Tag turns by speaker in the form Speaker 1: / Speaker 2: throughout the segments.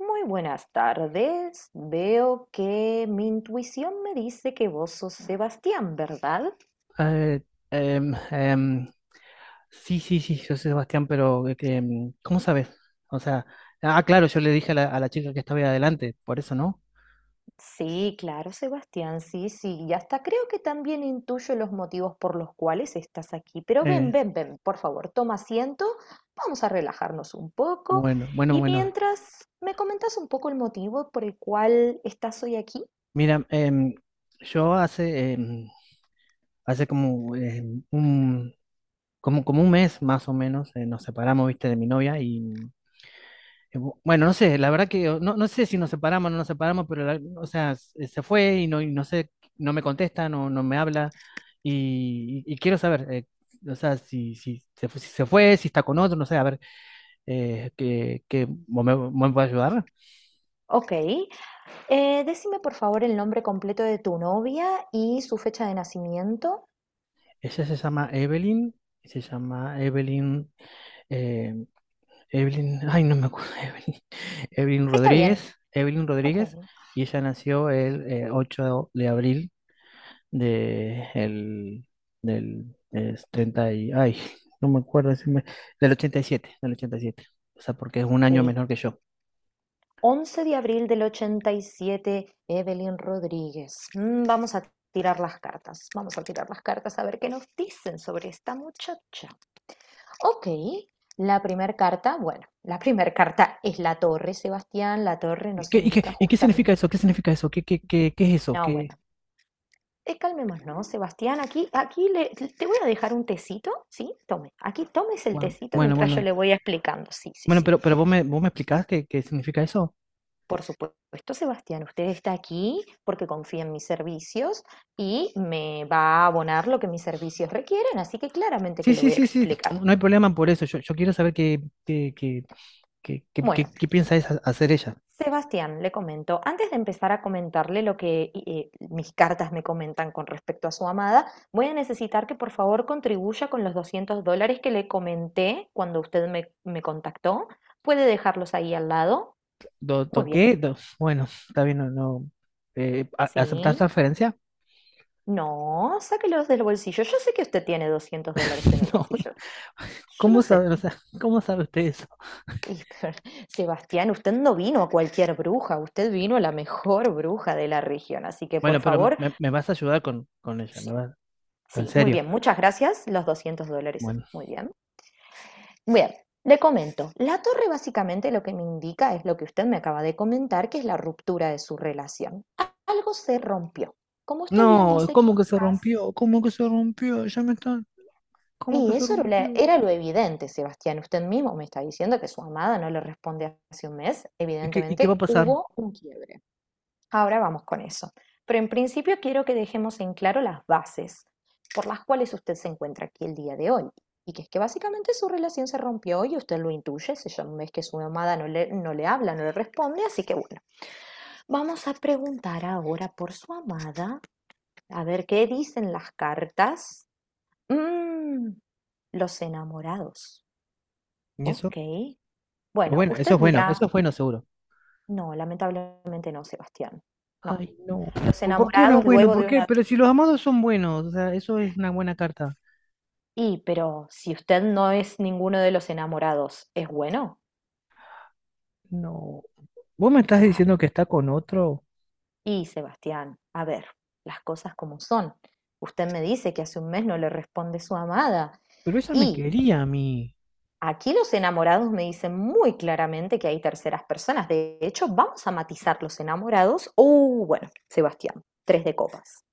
Speaker 1: Muy buenas tardes. Veo que mi intuición me dice que vos sos Sebastián, ¿verdad?
Speaker 2: Eh, em, em, sí, sí, sí, yo sé, Sebastián, pero ¿cómo sabes? O sea, ah, claro, yo le dije a la chica que estaba ahí adelante, por eso, ¿no?
Speaker 1: Sí, claro, Sebastián, sí, sí. Y hasta creo que también intuyo los motivos por los cuales estás aquí. Pero ven,
Speaker 2: Eh,
Speaker 1: ven, ven, por favor, toma asiento. Vamos a relajarnos un poco.
Speaker 2: bueno, bueno,
Speaker 1: Y
Speaker 2: bueno.
Speaker 1: mientras me comentas un poco el motivo por el cual estás hoy aquí.
Speaker 2: Mira, yo hace, hace como, un, como un mes más o menos nos separamos, viste, de mi novia. Y Bueno, no sé, la verdad que no sé si nos separamos o no nos separamos, pero o sea, se fue y y no sé, no me contesta, no me habla y quiero saber, o sea, se fue, si está con otro, no sé, a ver, que vos me podés ayudar?
Speaker 1: Ok, decime por favor el nombre completo de tu novia y su fecha de nacimiento.
Speaker 2: Ella se llama Evelyn, eh, Evelyn, ay, no me acuerdo, Evelyn, Evelyn
Speaker 1: Está bien.
Speaker 2: Rodríguez, Evelyn
Speaker 1: Ok.
Speaker 2: Rodríguez. Y ella nació el 8 de abril de el del es 30 y ay, no me acuerdo, del 87, del ochenta y siete. O sea, porque es un
Speaker 1: Ok,
Speaker 2: año menor que yo.
Speaker 1: 11 de abril del 87, Evelyn Rodríguez. Vamos a tirar las cartas, vamos a tirar las cartas a ver qué nos dicen sobre esta muchacha. Ok, bueno, la primera carta es la torre, Sebastián, la torre
Speaker 2: ¿Y
Speaker 1: nos
Speaker 2: qué, y qué,
Speaker 1: indica
Speaker 2: y qué significa
Speaker 1: justamente.
Speaker 2: eso? ¿Qué significa eso? Qué es eso?
Speaker 1: No, bueno,
Speaker 2: ¿Qué?
Speaker 1: calmémonos, Sebastián, aquí, te voy a dejar un tecito, ¿sí? Tome, aquí tomes el
Speaker 2: Bueno,
Speaker 1: tecito
Speaker 2: bueno,
Speaker 1: mientras yo
Speaker 2: bueno.
Speaker 1: le voy explicando, sí, sí,
Speaker 2: Bueno,
Speaker 1: sí.
Speaker 2: pero vos me explicás qué, qué significa eso.
Speaker 1: Por supuesto, Sebastián, usted está aquí porque confía en mis servicios y me va a abonar lo que mis servicios requieren, así que claramente
Speaker 2: Sí,
Speaker 1: que le
Speaker 2: sí,
Speaker 1: voy a
Speaker 2: sí, sí.
Speaker 1: explicar.
Speaker 2: No hay problema por eso. Yo quiero saber
Speaker 1: Bueno,
Speaker 2: qué piensa hacer ella.
Speaker 1: Sebastián, le comento, antes de empezar a comentarle lo que mis cartas me comentan con respecto a su amada, voy a necesitar que por favor contribuya con los $200 que le comenté cuando usted me contactó. ¿Puede dejarlos ahí al lado? Muy bien,
Speaker 2: Bueno, está bien, no, no, ¿aceptar
Speaker 1: sí.
Speaker 2: transferencia?
Speaker 1: No, sáquelos del bolsillo. Yo sé que usted tiene $200 en el
Speaker 2: No,
Speaker 1: bolsillo. Yo lo
Speaker 2: ¿cómo sabe,
Speaker 1: sé.
Speaker 2: o sea, cómo sabe usted eso?
Speaker 1: Y, pero, Sebastián, usted no vino a cualquier bruja, usted vino a la mejor bruja de la región. Así que, por
Speaker 2: Bueno, pero
Speaker 1: favor,
Speaker 2: me vas a ayudar con ella, me
Speaker 1: sí,
Speaker 2: vas, en
Speaker 1: sí, muy
Speaker 2: serio.
Speaker 1: bien, muchas gracias. Los 200 dólares,
Speaker 2: Bueno,
Speaker 1: muy bien. Bien, le comento. La torre básicamente lo que me indica es lo que usted me acaba de comentar, que es la ruptura de su relación. Algo se rompió. Como usted bien
Speaker 2: no,
Speaker 1: dice,
Speaker 2: ¿cómo que se
Speaker 1: quizás.
Speaker 2: rompió? ¿Cómo que se rompió? Ya me están, ¿cómo
Speaker 1: Y
Speaker 2: que se
Speaker 1: eso era lo
Speaker 2: rompió?
Speaker 1: era lo evidente, Sebastián. Usted mismo me está diciendo que su amada no le responde hace un mes.
Speaker 2: Y qué va
Speaker 1: Evidentemente
Speaker 2: a pasar?
Speaker 1: hubo un quiebre. Ahora vamos con eso. Pero en principio quiero que dejemos en claro las bases por las cuales usted se encuentra aquí el día de hoy. Y que es que básicamente su relación se rompió y usted lo intuye, se llama, es que su amada no le habla, no le responde, así que bueno, vamos a preguntar ahora por su amada, a ver qué dicen las cartas. Mm, los enamorados.
Speaker 2: ¿Y eso?
Speaker 1: Ok. Bueno,
Speaker 2: Bueno, eso
Speaker 1: usted
Speaker 2: es bueno,
Speaker 1: dirá,
Speaker 2: eso es bueno, seguro.
Speaker 1: no, lamentablemente no, Sebastián. No.
Speaker 2: Ay, no.
Speaker 1: Los
Speaker 2: Por qué no es
Speaker 1: enamorados
Speaker 2: bueno?
Speaker 1: luego
Speaker 2: ¿Por
Speaker 1: de
Speaker 2: qué?
Speaker 1: una...
Speaker 2: Pero si los amados son buenos, o sea, eso es una buena carta.
Speaker 1: Y, pero si usted no es ninguno de los enamorados, ¿es bueno?
Speaker 2: No. Vos me estás
Speaker 1: Claro.
Speaker 2: diciendo que está con otro,
Speaker 1: Y, Sebastián, a ver, las cosas como son. Usted me dice que hace un mes no le responde su amada.
Speaker 2: pero ella me
Speaker 1: Y
Speaker 2: quería a mí.
Speaker 1: aquí los enamorados me dicen muy claramente que hay terceras personas. De hecho, vamos a matizar los enamorados. Bueno, Sebastián, tres de copas.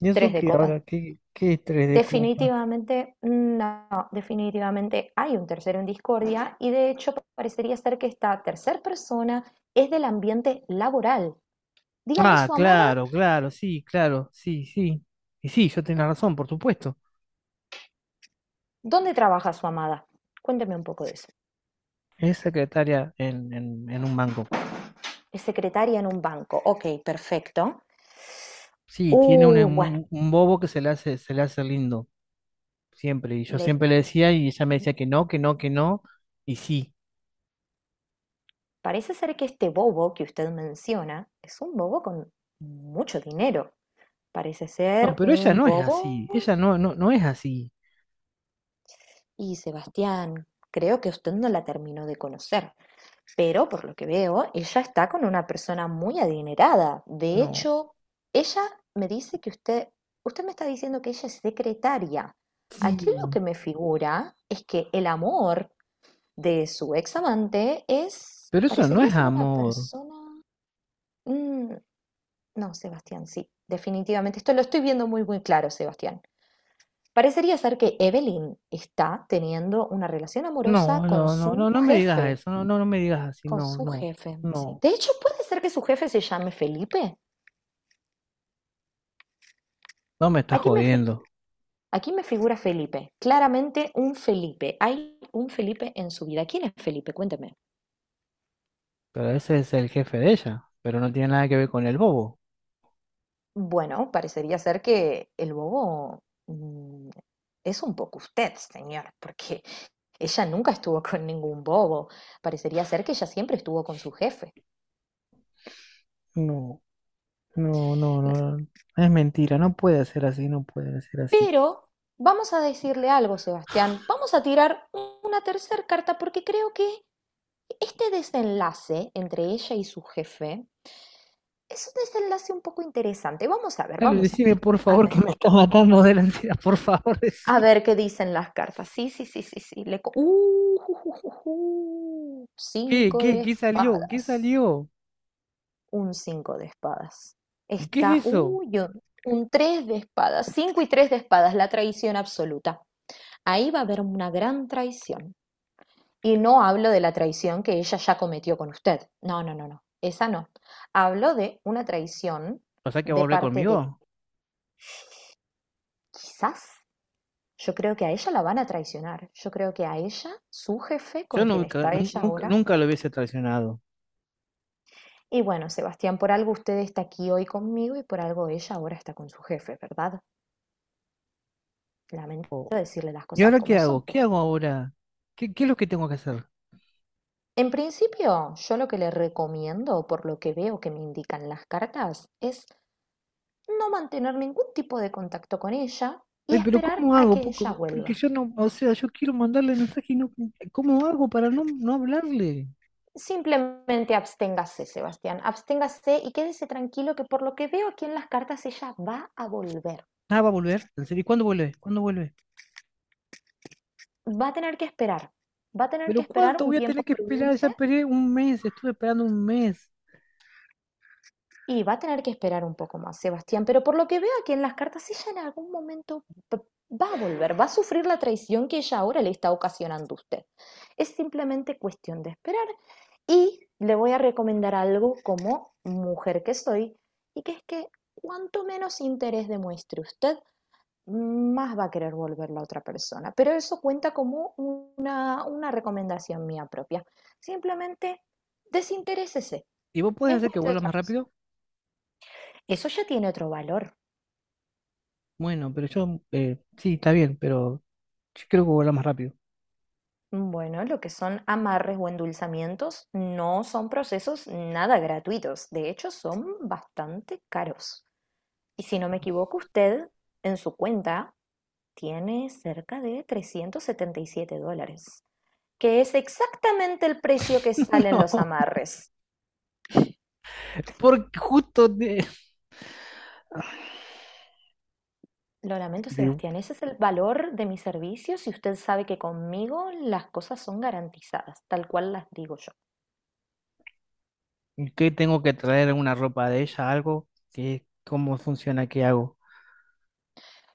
Speaker 2: ¿Y
Speaker 1: Tres
Speaker 2: eso
Speaker 1: de
Speaker 2: que
Speaker 1: copas.
Speaker 2: ahora? ¿Qué, qué es tres de copa?
Speaker 1: Definitivamente, no, definitivamente hay un tercero en discordia y de hecho parecería ser que esta tercer persona es del ambiente laboral. Dígame
Speaker 2: Ah,
Speaker 1: su amada,
Speaker 2: claro, claro, sí, claro, sí, sí. Y sí, yo tenía razón, por supuesto.
Speaker 1: ¿dónde trabaja su amada? Cuénteme un poco de eso.
Speaker 2: Es secretaria en, en un banco.
Speaker 1: Es secretaria en un banco. Ok, perfecto.
Speaker 2: Sí, tiene un,
Speaker 1: Bueno,
Speaker 2: un bobo que se le hace lindo, siempre. Y yo
Speaker 1: le
Speaker 2: siempre le decía y ella me decía que no, que no, que no, y sí.
Speaker 1: parece ser que este bobo que usted menciona es un bobo con mucho dinero. Parece
Speaker 2: No,
Speaker 1: ser
Speaker 2: pero ella
Speaker 1: un
Speaker 2: no es así.
Speaker 1: bobo.
Speaker 2: Ella no, no, no es así.
Speaker 1: Y Sebastián, creo que usted no la terminó de conocer, pero por lo que veo, ella está con una persona muy adinerada. De
Speaker 2: No.
Speaker 1: hecho, ella me dice que usted me está diciendo que ella es secretaria. Aquí lo
Speaker 2: Sí.
Speaker 1: que me figura es que el amor de su ex amante es,
Speaker 2: Pero eso no
Speaker 1: parecería
Speaker 2: es
Speaker 1: ser una
Speaker 2: amor.
Speaker 1: persona... Mm, no, Sebastián, sí, definitivamente. Esto lo estoy viendo muy, muy claro, Sebastián. Parecería ser que Evelyn está teniendo una relación amorosa
Speaker 2: No, no, no, no, no me digas eso. No, no, no me digas así.
Speaker 1: con
Speaker 2: No,
Speaker 1: su
Speaker 2: no,
Speaker 1: jefe, sí.
Speaker 2: no.
Speaker 1: De hecho, puede ser que su jefe se llame Felipe.
Speaker 2: No me estás
Speaker 1: Aquí me, fi-
Speaker 2: jodiendo.
Speaker 1: aquí me figura Felipe, claramente un Felipe. Hay un Felipe en su vida. ¿Quién es Felipe? Cuénteme.
Speaker 2: Pero ese es el jefe de ella. Pero no tiene nada que ver con el bobo.
Speaker 1: Bueno, parecería ser que el bobo mm, es un poco usted, señor, porque ella nunca estuvo con ningún bobo. Parecería ser que ella siempre estuvo con su jefe.
Speaker 2: No, no, no, no. Es mentira. No puede ser así. No puede ser así.
Speaker 1: Pero vamos a decirle algo, Sebastián. Vamos a tirar una tercera carta porque creo que este desenlace entre ella y su jefe es un desenlace un poco interesante. Vamos a ver,
Speaker 2: Dale,
Speaker 1: vamos a
Speaker 2: decime
Speaker 1: ver.
Speaker 2: por
Speaker 1: A
Speaker 2: favor
Speaker 1: ver,
Speaker 2: que me está matando de la ansiedad. Por favor,
Speaker 1: a
Speaker 2: decime.
Speaker 1: ver qué dicen las cartas. Sí, sí, sí, sí, sí. Ju, ju, ju.
Speaker 2: ¿Qué,
Speaker 1: Cinco
Speaker 2: qué,
Speaker 1: de
Speaker 2: qué salió? ¿Qué
Speaker 1: espadas.
Speaker 2: salió?
Speaker 1: Un cinco de espadas.
Speaker 2: ¿Qué es
Speaker 1: Está,
Speaker 2: eso?
Speaker 1: uy, un tres de espadas. Cinco y tres de espadas, la traición absoluta. Ahí va a haber una gran traición. Y no hablo de la traición que ella ya cometió con usted. No, no, no, no. Esa no. Hablo de una traición
Speaker 2: ¿O sea que va a
Speaker 1: de
Speaker 2: volver
Speaker 1: parte de,
Speaker 2: conmigo?
Speaker 1: quizás, yo creo que a ella la van a traicionar. Yo creo que a ella, su jefe,
Speaker 2: Yo
Speaker 1: con quien
Speaker 2: nunca,
Speaker 1: está ella
Speaker 2: nunca,
Speaker 1: ahora.
Speaker 2: nunca lo hubiese traicionado.
Speaker 1: Y bueno, Sebastián, por algo usted está aquí hoy conmigo y por algo ella ahora está con su jefe, ¿verdad? Lamento decirle las
Speaker 2: ¿Y
Speaker 1: cosas
Speaker 2: ahora qué
Speaker 1: como
Speaker 2: hago?
Speaker 1: son,
Speaker 2: ¿Qué
Speaker 1: pero
Speaker 2: hago ahora? ¿Qué, qué es lo que tengo que hacer?
Speaker 1: en principio, yo lo que le recomiendo, por lo que veo que me indican las cartas, es no mantener ningún tipo de contacto con ella y
Speaker 2: Ay, pero
Speaker 1: esperar
Speaker 2: ¿cómo
Speaker 1: a
Speaker 2: hago?
Speaker 1: que ella
Speaker 2: Poco, porque
Speaker 1: vuelva.
Speaker 2: yo no, o sea, yo quiero mandarle mensaje y no, ¿cómo hago para no, no hablarle?
Speaker 1: Simplemente absténgase, Sebastián, absténgase y quédese tranquilo que por lo que veo aquí en las cartas ella va a volver.
Speaker 2: Ah, va a volver. ¿En serio? ¿Y ¿cuándo vuelve? ¿Cuándo vuelve?
Speaker 1: Va a tener que esperar, va a tener
Speaker 2: Pero
Speaker 1: que esperar
Speaker 2: ¿cuánto
Speaker 1: un
Speaker 2: voy a
Speaker 1: tiempo
Speaker 2: tener que esperar? Ya
Speaker 1: prudente.
Speaker 2: esperé un mes, estuve esperando un mes.
Speaker 1: Y va a tener que esperar un poco más, Sebastián, pero por lo que veo aquí en las cartas, ella en algún momento va a volver, va a sufrir la traición que ella ahora le está ocasionando a usted. Es simplemente cuestión de esperar y le voy a recomendar algo como mujer que soy, y que es que cuanto menos interés demuestre usted, más va a querer volver la otra persona. Pero eso cuenta como una recomendación mía propia. Simplemente desinterésese
Speaker 2: ¿Y vos podés
Speaker 1: en
Speaker 2: hacer que
Speaker 1: cuestión de
Speaker 2: vuelva
Speaker 1: otra
Speaker 2: más
Speaker 1: persona.
Speaker 2: rápido?
Speaker 1: Eso ya tiene otro valor.
Speaker 2: Bueno, pero yo, sí, está bien, pero yo creo que vuelva más rápido.
Speaker 1: Bueno lo que son amarres o endulzamientos no son procesos nada gratuitos, de hecho son bastante caros. Y si no me equivoco, usted en su cuenta tiene cerca de $377, que es exactamente el precio que salen los
Speaker 2: No,
Speaker 1: amarres.
Speaker 2: porque justo de...
Speaker 1: Lo lamento, Sebastián, ese es el valor de mis servicios y usted sabe que conmigo las cosas son garantizadas, tal cual las digo.
Speaker 2: ¿Qué tengo que traer? ¿Una ropa de ella? ¿Algo? ¿Qué, cómo funciona? ¿Qué hago?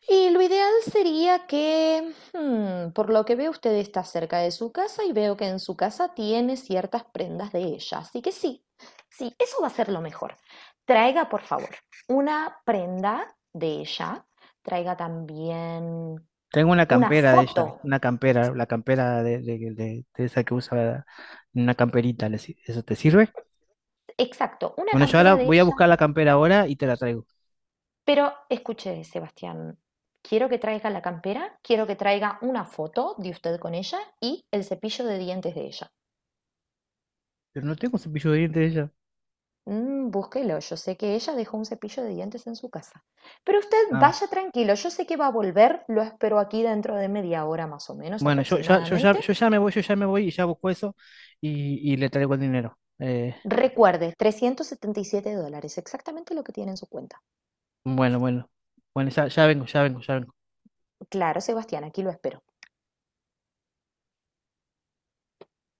Speaker 1: Y lo ideal sería que, por lo que veo, usted está cerca de su casa y veo que en su casa tiene ciertas prendas de ella. Así que sí, sí, eso va a ser lo mejor. Traiga, por favor, una prenda de ella. Traiga también
Speaker 2: Tengo una
Speaker 1: una
Speaker 2: campera de ella,
Speaker 1: foto.
Speaker 2: una campera, la campera de, de esa que usa, una camperita, ¿eso te sirve?
Speaker 1: Exacto, una
Speaker 2: Bueno, yo ahora
Speaker 1: campera de
Speaker 2: voy a
Speaker 1: ella.
Speaker 2: buscar la campera ahora y te la traigo.
Speaker 1: Pero escuche, Sebastián, quiero que traiga la campera, quiero que traiga una foto de usted con ella y el cepillo de dientes de ella.
Speaker 2: Pero no tengo cepillo de dientes de ella.
Speaker 1: Búsquelo, yo sé que ella dejó un cepillo de dientes en su casa. Pero usted
Speaker 2: Ah,
Speaker 1: vaya tranquilo, yo sé que va a volver, lo espero aquí dentro de media hora más o menos
Speaker 2: bueno,
Speaker 1: aproximadamente.
Speaker 2: yo ya me voy, yo ya me voy y ya busco eso y le traigo el dinero.
Speaker 1: Recuerde, $377, exactamente lo que tiene en su cuenta.
Speaker 2: Bueno, bueno, bueno, ya vengo, ya vengo, ya vengo.
Speaker 1: Claro, Sebastián, aquí lo espero.